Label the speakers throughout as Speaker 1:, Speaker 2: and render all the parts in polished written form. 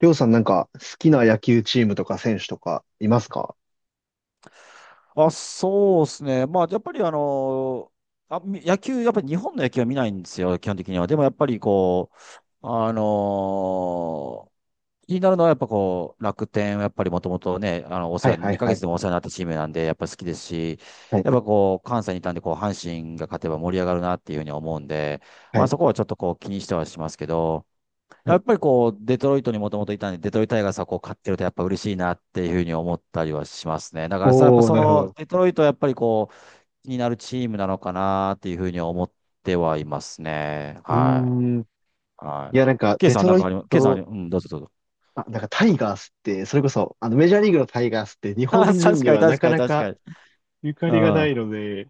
Speaker 1: りょうさんなんか好きな野球チームとか選手とかいますか？
Speaker 2: あ、そうですね。まあ、やっぱり野球、やっぱり日本の野球は見ないんですよ、基本的には。でもやっぱりこう、あのー気になるのはやっぱこう、楽天、やっぱりもともとね、あの、お世
Speaker 1: はい
Speaker 2: 話、
Speaker 1: はい
Speaker 2: 2
Speaker 1: は
Speaker 2: ヶ月
Speaker 1: い。
Speaker 2: でもお世話になったチームなんで、やっぱ好きですし、
Speaker 1: はい。
Speaker 2: やっぱこう、関西にいたんで、こう、阪神が勝てば盛り上がるなっていうふうに思うんで、
Speaker 1: は
Speaker 2: まあ
Speaker 1: い。
Speaker 2: そこはちょっとこう、気にしてはしますけど、
Speaker 1: は
Speaker 2: や
Speaker 1: い。
Speaker 2: っぱりこう、デトロイトにもともといたんで、デトロイトタイガースはこう、勝ってるとやっぱ嬉しいなっていうふうに思ったりはしますね。だからさ、やっぱ
Speaker 1: おー、
Speaker 2: そ
Speaker 1: なるほ
Speaker 2: の、
Speaker 1: ど。
Speaker 2: デトロイトはやっぱりこう、気になるチームなのかなっていうふうには思ってはいますね。
Speaker 1: うー
Speaker 2: はい。
Speaker 1: ん。い
Speaker 2: はい。
Speaker 1: やなんか
Speaker 2: ケイ
Speaker 1: デ
Speaker 2: さん
Speaker 1: ト
Speaker 2: なん
Speaker 1: ロ
Speaker 2: か
Speaker 1: イ
Speaker 2: あります？ケイさんあり、
Speaker 1: ト、
Speaker 2: うん、どうぞどうぞ。
Speaker 1: あ、なんかタイガースって、それこそ、あのメジャーリーグのタイガースって日
Speaker 2: あ、
Speaker 1: 本人
Speaker 2: 確
Speaker 1: に
Speaker 2: かに
Speaker 1: はな
Speaker 2: 確
Speaker 1: か
Speaker 2: かに
Speaker 1: な
Speaker 2: 確
Speaker 1: か
Speaker 2: かに。
Speaker 1: ゆか
Speaker 2: う
Speaker 1: りがな
Speaker 2: ん。
Speaker 1: いので、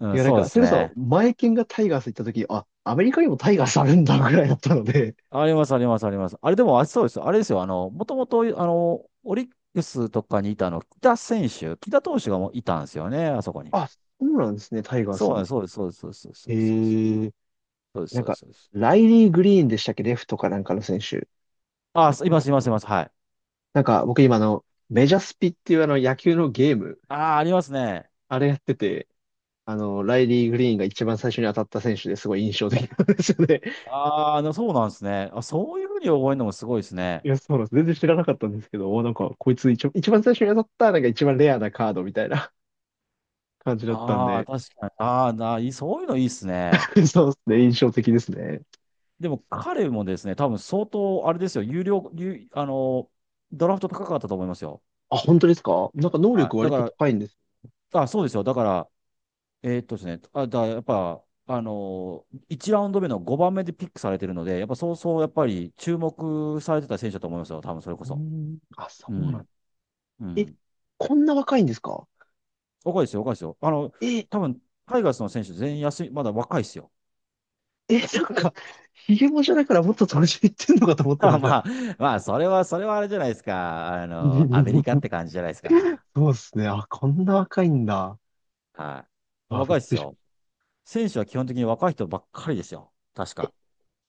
Speaker 2: う
Speaker 1: い
Speaker 2: ん、
Speaker 1: やなん
Speaker 2: そう
Speaker 1: か、
Speaker 2: で
Speaker 1: そ
Speaker 2: す
Speaker 1: れこそ、
Speaker 2: ね。
Speaker 1: 前剣がタイガース行った時、あ、アメリカにもタイガースあるんだぐらいだったので、
Speaker 2: ありますありますあります。あれでも、あ、そうです。あれですよ。もともと、オリックスとかにいた木田投手がもういたんですよね、あそこに。
Speaker 1: あ、そうなんですね、タイガース
Speaker 2: そうなん
Speaker 1: に。
Speaker 2: です、そうです、そうです、そうです、そ
Speaker 1: え
Speaker 2: うです、そうです。
Speaker 1: ー、
Speaker 2: そうです、
Speaker 1: なん
Speaker 2: そうで
Speaker 1: か、
Speaker 2: す、そうです。
Speaker 1: ライリー・グリーンでしたっけ、レフトかなんかの選手。
Speaker 2: あ、すいます、います、います。はい。
Speaker 1: なんか僕今あの、メジャースピっていうあの野球のゲーム、
Speaker 2: ああ、ありますね。
Speaker 1: あれやってて、あの、ライリー・グリーンが一番最初に当たった選手ですごい印象的なんですよね。
Speaker 2: ああ、でもそうなんですね。あ、そういうふうに覚えるのもすごいですね。
Speaker 1: いや、そうなんです。全然知らなかったんですけど、おなんかこいつ一番最初に当たったなんか一番レアなカードみたいな 感じだったん
Speaker 2: ああ、
Speaker 1: で、
Speaker 2: 確かに。ああ、な、いい、そういうのいいですね。
Speaker 1: そうですね、印象的ですね。
Speaker 2: でも彼もですね、多分相当、あれですよ、有料、有、あの、ドラフト高かったと思いますよ。
Speaker 1: あ、本当ですか？なんか能
Speaker 2: は
Speaker 1: 力
Speaker 2: い。だ
Speaker 1: 割
Speaker 2: か
Speaker 1: と
Speaker 2: ら、
Speaker 1: 高いんです。
Speaker 2: あ、そうですよ。だから、ですね、あ、だ、やっぱ、あの1ラウンド目の5番目でピックされてるので、やっぱそうそう、やっぱり注目されてた選手だと思いますよ。多分それ
Speaker 1: う
Speaker 2: こ
Speaker 1: ー
Speaker 2: そ。
Speaker 1: ん、あ、そ
Speaker 2: う
Speaker 1: うな
Speaker 2: ん。
Speaker 1: ん。
Speaker 2: う
Speaker 1: え、
Speaker 2: ん。
Speaker 1: こんな若いんですか？
Speaker 2: 若いですよ、若いですよ。
Speaker 1: え、え、
Speaker 2: 多分、タイガースの選手全員休み、まだ若いですよ。
Speaker 1: なんか、ヒゲもじゃだからもっと年いってんのかと思っ て
Speaker 2: ま
Speaker 1: ま
Speaker 2: あ、
Speaker 1: し
Speaker 2: ま
Speaker 1: た。
Speaker 2: あ、まあ、それはあれじゃないですか。あの、アメリカっ て感じじゃないですか。
Speaker 1: そうですね。あ、こんな若いんだ。
Speaker 2: はい。
Speaker 1: あ、び
Speaker 2: 若
Speaker 1: っ
Speaker 2: いで
Speaker 1: く
Speaker 2: す
Speaker 1: りしま
Speaker 2: よ。
Speaker 1: し
Speaker 2: 選手は基本的に若い人ばっかりですよ。確
Speaker 1: た。
Speaker 2: か。
Speaker 1: え、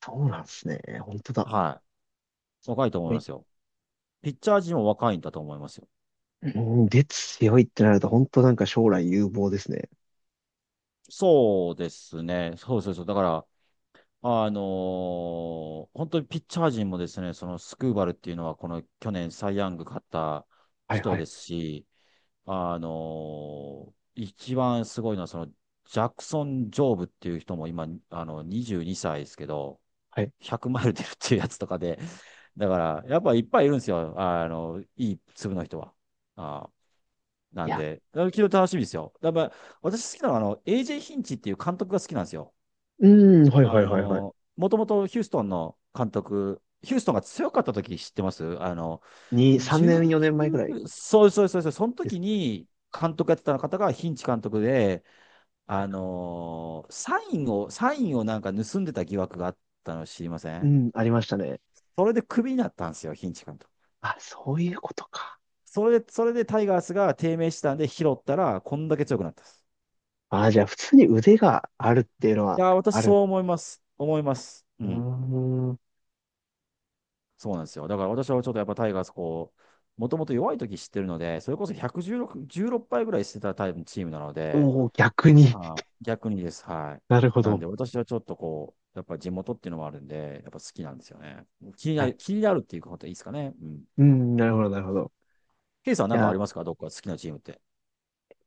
Speaker 1: そうなんですね。本当だ。
Speaker 2: はい。若いと思
Speaker 1: こ
Speaker 2: いま
Speaker 1: れ。
Speaker 2: すよ。ピッチャー陣も若いんだと思いますよ。
Speaker 1: うん、で強いってなると、本当なんか将来有望ですね。
Speaker 2: そうですね。そうそうそう。だから、あの本当にピッチャー陣もですね、そのスクーバルっていうのは、この去年サイ・ヤング勝った
Speaker 1: はいは
Speaker 2: 人
Speaker 1: い。
Speaker 2: ですし、一番すごいのは、その、ジャクソン・ジョーブっていう人も今、あの、22歳ですけど、
Speaker 1: はい。
Speaker 2: 100マイル出るっていうやつとかで、だから、やっぱいっぱいいるんですよ。あの、いい粒の人は。あな
Speaker 1: い
Speaker 2: ん
Speaker 1: や、
Speaker 2: で、だから昨日楽しみですよ。だから、私好きなのは、あの、AJ ヒンチっていう監督が好きなんですよ。
Speaker 1: うん、はいは
Speaker 2: あ
Speaker 1: いはいはい。
Speaker 2: の、もともとヒューストンが強かった時知ってます？
Speaker 1: に、3年、4年前ぐらい
Speaker 2: 19、そうそうそうそう、その
Speaker 1: です
Speaker 2: 時
Speaker 1: かね。
Speaker 2: に監督やってた方がヒンチ監督で、
Speaker 1: はい。
Speaker 2: サインをなんか盗んでた疑惑があったの知りませ
Speaker 1: う
Speaker 2: ん？
Speaker 1: ん、ありましたね。
Speaker 2: それでクビになったんですよ、ヒンチ監督。
Speaker 1: あ、そういうことか。
Speaker 2: それでタイガースが低迷したんで拾ったら、こんだけ強くなったんです。
Speaker 1: あ、じゃあ、普通に腕があるっていうの
Speaker 2: い
Speaker 1: は
Speaker 2: やー、
Speaker 1: あ
Speaker 2: 私そう
Speaker 1: る。
Speaker 2: 思います。思います。う
Speaker 1: うー
Speaker 2: ん。
Speaker 1: ん。お
Speaker 2: そうなんですよ。だから私はちょっとやっぱタイガースこう、もともと弱い時知ってるので、それこそ116、16敗ぐらいしてたタイプチームなので、
Speaker 1: お逆に。
Speaker 2: あ、 逆にです。はい。
Speaker 1: なるほ
Speaker 2: なん
Speaker 1: ど。
Speaker 2: で私はちょっとこう、やっぱ地元っていうのもあるんで、やっぱ好きなんですよね。気に
Speaker 1: は
Speaker 2: な
Speaker 1: い。
Speaker 2: る、気になるっていうことでいいですかね。うん。
Speaker 1: うん、なるほど、なるほど。
Speaker 2: ケイさん
Speaker 1: い
Speaker 2: なんかあ
Speaker 1: や
Speaker 2: りますか、どっか好きなチームって？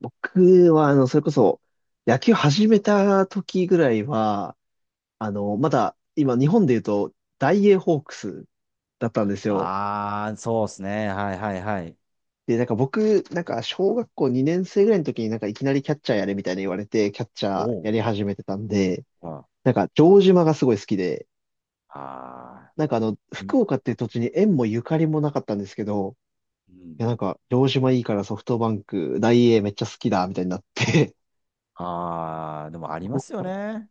Speaker 1: 僕は、あの、それこそ、野球始めた時ぐらいは、あの、まだ、今、日本で言うと、大英ホークスだったんですよ。
Speaker 2: あー、そうですね。はいはいはい。
Speaker 1: で、なんか僕、なんか、小学校2年生ぐらいの時になんか、いきなりキャッチャーやれみたいに言われて、キャッチ
Speaker 2: お
Speaker 1: ャーや
Speaker 2: お。
Speaker 1: り始めてたんで、
Speaker 2: あ
Speaker 1: なんか、城島がすごい好きで、
Speaker 2: あ
Speaker 1: なんかあの、
Speaker 2: ー、い、
Speaker 1: 福岡っていう土地に縁もゆかりもなかったんですけど、
Speaker 2: う
Speaker 1: い
Speaker 2: ん。
Speaker 1: や、なんか、城島いいからソフトバンク、大英めっちゃ好きだ、みたいになって、
Speaker 2: あー、でもありますよね。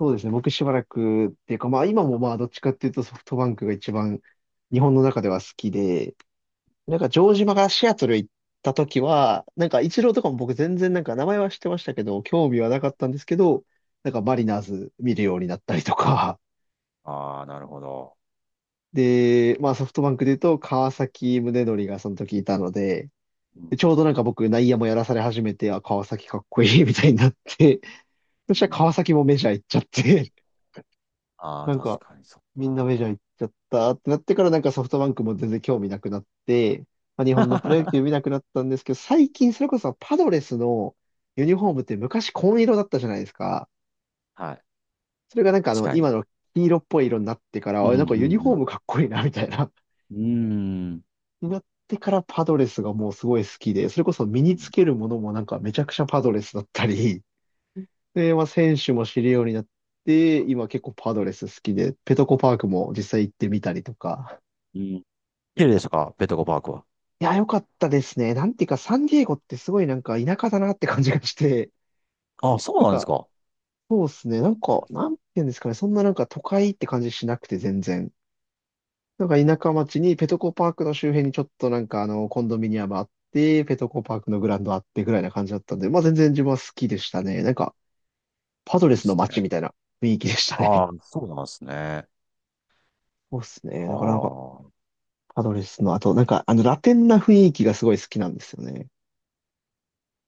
Speaker 1: そうですね。僕しばらくっていうか、まあ今もまあどっちかっていうとソフトバンクが一番日本の中では好きで、なんか城島がシアトル行った時は、なんかイチローとかも僕全然なんか名前は知ってましたけど、興味はなかったんですけど、なんかマリナーズ見るようになったりとか、
Speaker 2: あー、なるほど。
Speaker 1: で、まあソフトバンクで言うと川崎宗則がその時いたので、
Speaker 2: う
Speaker 1: でちょう
Speaker 2: ん。
Speaker 1: どなんか僕内野もやらされ始めて、あ、川崎かっこいいみたいになって、そ
Speaker 2: う
Speaker 1: したら川
Speaker 2: ん。
Speaker 1: 崎もメジャー行っちゃって、
Speaker 2: ああ、
Speaker 1: なん
Speaker 2: 確
Speaker 1: か、
Speaker 2: かにそ
Speaker 1: み
Speaker 2: う。
Speaker 1: んなメジャー行っちゃったってなってからなんかソフトバンクも全然興味なくなって、まあ、日本のプロ 野球見なくなったんですけど、最近それこそパドレスのユニフォームって昔紺色だったじゃないですか。
Speaker 2: はい。
Speaker 1: それがなんかあの
Speaker 2: 近い。
Speaker 1: 今の黄色っぽい色になってから、
Speaker 2: う
Speaker 1: あ
Speaker 2: ん、う
Speaker 1: れなんかユニフォー
Speaker 2: ん、
Speaker 1: ムかっこいいなみたいな。
Speaker 2: うん。うーん。
Speaker 1: になってからパドレスがもうすごい好きで、それこそ身につけるものもなんかめちゃくちゃパドレスだったり、で、まあ選手も知るようになって、今結構パドレス好きで、ペトコパークも実際行ってみたりとか。
Speaker 2: うん。綺麗でしたか、ベトコパークは？
Speaker 1: いや、良かったですね。なんていうか、サンディエゴってすごいなんか田舎だなって感じがして、
Speaker 2: ああ、そう
Speaker 1: なん
Speaker 2: なんです
Speaker 1: か、
Speaker 2: か。
Speaker 1: そうですね。なんか、なんていうんですかね。そんななんか都会って感じしなくて全然。なんか田舎町にペトコパークの周辺にちょっとなんかあの、コンドミニアムあって、ペトコパークのグラウンドあってぐらいな感じだったんで、まあ全然自分は好きでしたね。なんか、パドレ
Speaker 2: いいっ
Speaker 1: スの
Speaker 2: す
Speaker 1: 街
Speaker 2: ね。
Speaker 1: みたいな雰囲気でした
Speaker 2: あ
Speaker 1: ね。
Speaker 2: あ、そうなんですね。
Speaker 1: そうです
Speaker 2: あ
Speaker 1: ね。だからなんか、
Speaker 2: あ。
Speaker 1: パドレスの、あとなんかあの、ラテンな雰囲気がすごい好きなんですよね。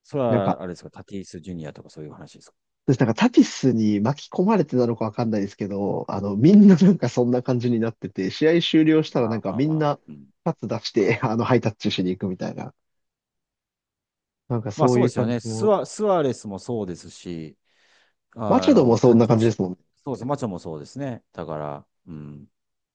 Speaker 2: それ
Speaker 1: なんか、
Speaker 2: は、あれですか、タティス・ジュニアとかそういう話ですか？
Speaker 1: 私なんかタピスに巻き込まれてなのかわかんないですけど、あの、みんななんかそんな感じになってて、試合終了した
Speaker 2: ま
Speaker 1: らなん
Speaker 2: あ
Speaker 1: か
Speaker 2: まあ
Speaker 1: み
Speaker 2: ま
Speaker 1: ん
Speaker 2: あ。
Speaker 1: な
Speaker 2: うん。
Speaker 1: パス出して、あの、ハイタッチしに行くみたいな。なんか
Speaker 2: まあ
Speaker 1: そう
Speaker 2: そ
Speaker 1: い
Speaker 2: う
Speaker 1: う
Speaker 2: ですよ
Speaker 1: 感じ
Speaker 2: ね。ス
Speaker 1: も。
Speaker 2: ワスアレスもそうですし、
Speaker 1: マ
Speaker 2: あ
Speaker 1: チャドも
Speaker 2: の、
Speaker 1: そ
Speaker 2: タ
Speaker 1: んな
Speaker 2: ティ
Speaker 1: 感じで
Speaker 2: ス、
Speaker 1: すもんね。
Speaker 2: そうです。マチョもそうですね。だから、うん。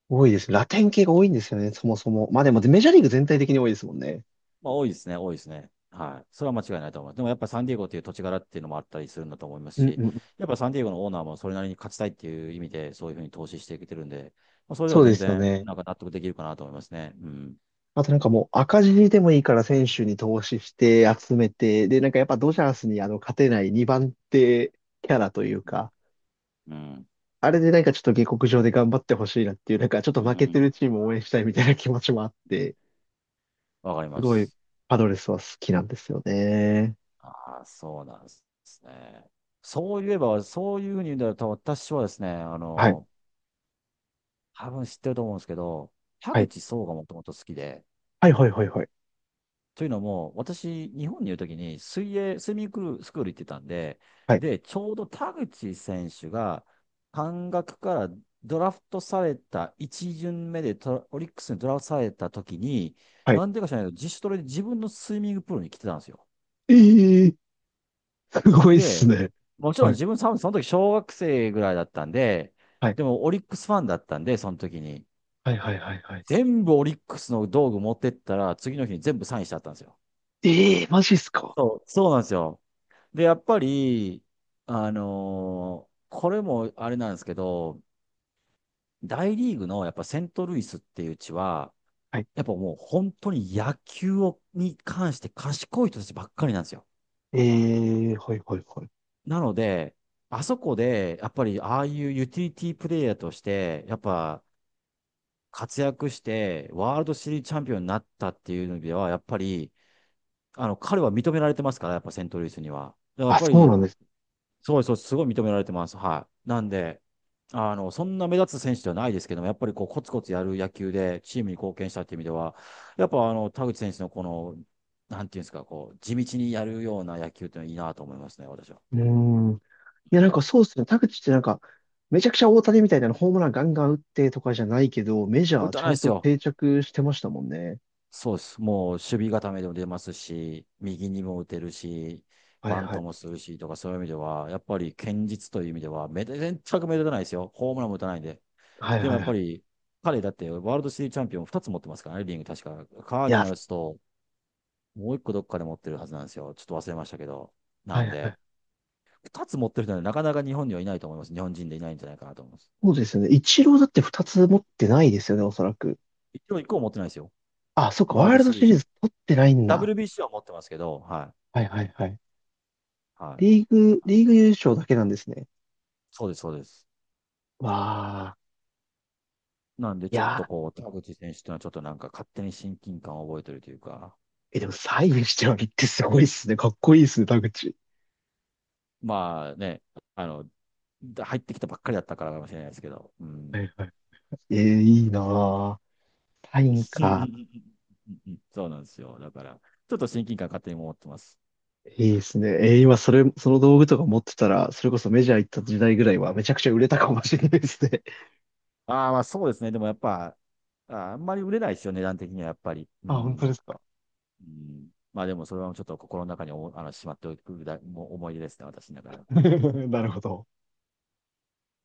Speaker 1: 多いです。ラテン系が多いんですよね、そもそも。まあでも
Speaker 2: う
Speaker 1: メジャー
Speaker 2: ん。
Speaker 1: リーグ全体的に多いですもんね。
Speaker 2: まあ、多いですね、多いですね。はい。それは間違いないと思います。でもやっぱサンディエゴっていう土地柄っていうのもあったりするんだと思います
Speaker 1: うん
Speaker 2: し、
Speaker 1: うん。
Speaker 2: やっぱサンディエゴのオーナーもそれなりに勝ちたいっていう意味で、そういうふうに投資していけてるんで、まあ、それで
Speaker 1: そ
Speaker 2: は
Speaker 1: うで
Speaker 2: 全
Speaker 1: すよ
Speaker 2: 然、
Speaker 1: ね。
Speaker 2: なんか納得できるかなと思いますね。うん。
Speaker 1: あとなんかもう赤字でもいいから選手に投資して集めて、でなんかやっぱドジャースにあの勝てない2番手キャラというか、
Speaker 2: うん。
Speaker 1: あれでなんかちょっと下克上で頑張ってほしいなっていう、なんかちょっと
Speaker 2: う
Speaker 1: 負けて
Speaker 2: ん。
Speaker 1: るチームを応援したいみたいな気持ちもあって、
Speaker 2: わかり
Speaker 1: す
Speaker 2: ま
Speaker 1: ごい
Speaker 2: す。
Speaker 1: パドレスは好きなんですよね。
Speaker 2: ああ、そうなんですね。そういえば、そういうふうに言うんだと、私はですね、あ
Speaker 1: はい。
Speaker 2: の、多分知ってると思うんですけど、田
Speaker 1: はい。
Speaker 2: 口壮がもともと好きで、
Speaker 1: はいはいはいはい。
Speaker 2: というのも、私、日本にいるときに水泳、スイミングスクール行ってたんで、
Speaker 1: はい。
Speaker 2: で、ちょうど田口選手が、関学からドラフトされた、1巡目でトラオリックスにドラフトされたときに、
Speaker 1: はい。
Speaker 2: なんでか知らないけど、自主トレで自分のスイミングプールに来てたんですよ。
Speaker 1: ええー、すごいっす
Speaker 2: で、
Speaker 1: ね。
Speaker 2: もちろん
Speaker 1: はい。
Speaker 2: 自分、その時小学生ぐらいだったんで、
Speaker 1: はい。
Speaker 2: でもオリックスファンだったんで、その時に。
Speaker 1: はいはいはいはい。
Speaker 2: 全部オリックスの道具持ってったら、次の日に全部サインしちゃったんですよ。
Speaker 1: ええー、マジっすか。
Speaker 2: そう、そうなんですよ。で、やっぱり、これもあれなんですけど、大リーグのやっぱセントルイスっていう地は、
Speaker 1: はい。
Speaker 2: やっぱもう本当に野球をに関して賢い人たちばっかりなんですよ。
Speaker 1: ええー、はいはいはい。
Speaker 2: なので、あそこで、やっぱりああいうユーティリティプレイヤーとして、やっぱ活躍して、ワールドシリーズチャンピオンになったっていうのでは、やっぱり、あの、彼は認められてますから、やっぱセントルイスには。だからやっ
Speaker 1: あ、
Speaker 2: ぱ
Speaker 1: そう
Speaker 2: り、
Speaker 1: なんです
Speaker 2: そうです、そうです、すごい認められてます。はい。なんで、あの、そんな目立つ選手ではないですけども、やっぱりこう、コツコツやる野球でチームに貢献したっていう意味では、やっぱあの、田口選手のこの、なんていうんですか、こう、地道にやるような野球っていうのはいいなと思いますね、私は。
Speaker 1: ね。うーん。いやなんかそうっすね。田口ってなんか、めちゃくちゃ大谷みたいなホームランガンガン打ってとかじゃないけど、メジャ
Speaker 2: 打
Speaker 1: ー
Speaker 2: た
Speaker 1: ち
Speaker 2: な
Speaker 1: ゃ
Speaker 2: いで
Speaker 1: ん
Speaker 2: す
Speaker 1: と
Speaker 2: よ。
Speaker 1: 定着してましたもんね。
Speaker 2: そうです。もう、守備固めでも出ますし、右にも打てるし、
Speaker 1: はい
Speaker 2: バン
Speaker 1: は
Speaker 2: ト
Speaker 1: い。
Speaker 2: もするしとか、そういう意味では、やっぱり堅実という意味では、全く目立たないですよ。ホームランも打たないんで。
Speaker 1: はい
Speaker 2: でも
Speaker 1: は
Speaker 2: や
Speaker 1: い
Speaker 2: っ
Speaker 1: は
Speaker 2: ぱ
Speaker 1: い。
Speaker 2: り、彼だってワールドシリーズチャンピオン2つ持ってますからね、リング確か。カー
Speaker 1: い
Speaker 2: ディ
Speaker 1: や、
Speaker 2: ナルスと、もう1個どっかで持ってるはずなんですよ。ちょっと忘れましたけど。な
Speaker 1: はい
Speaker 2: ん
Speaker 1: はい。
Speaker 2: で、2つ持ってる人はね、なかなか日本にはいないと思います。日本人でいないんじゃないかなと思います。
Speaker 1: そうですよね。イチローだって2つ持ってないですよね、おそらく。
Speaker 2: 一応1個も持ってないですよ。
Speaker 1: あ、そっか、
Speaker 2: ワー
Speaker 1: ワ
Speaker 2: ル
Speaker 1: ー
Speaker 2: ド
Speaker 1: ルド
Speaker 2: シリ
Speaker 1: シ
Speaker 2: ー
Speaker 1: リ
Speaker 2: ズ。
Speaker 1: ーズ取ってないんだ。
Speaker 2: WBC は持ってますけど、はい。
Speaker 1: はいはいはい。
Speaker 2: はい。
Speaker 1: リーグ優勝だけなんですね。
Speaker 2: そうです、そうです。
Speaker 1: わあ。
Speaker 2: なんで、
Speaker 1: い
Speaker 2: ちょっと
Speaker 1: や
Speaker 2: こう、田口選手っていうのはちょっとなんか勝手に親近感を覚えてるというか、
Speaker 1: ー、え、でもサインしてはるってすごいっすね。かっこいいっすね、田口。
Speaker 2: まあね、あの、入ってきたばっかりだったからかもしれないですけど、う
Speaker 1: は
Speaker 2: ん。
Speaker 1: いはい。えー、いいなー。サイ
Speaker 2: うん、うん、うん、うん、
Speaker 1: ンか。
Speaker 2: うん、うん。そうなんですよ。だから、ちょっと親近感勝手に持ってます。
Speaker 1: いいですね。えー今それ、その道具とか持ってたら、それこそメジャー行った時代ぐらいはめちゃくちゃ売れたかもしれないですね。
Speaker 2: ああ、まあそうですね。でもやっぱ、ああんまり売れないですよ、値段的にはやっぱり。う
Speaker 1: あ、本当で
Speaker 2: ん。
Speaker 1: すか。
Speaker 2: うん、まあでもそれはちょっと心の中におあのしまっておくだもう思い出ですね、私の中では。
Speaker 1: なるほど。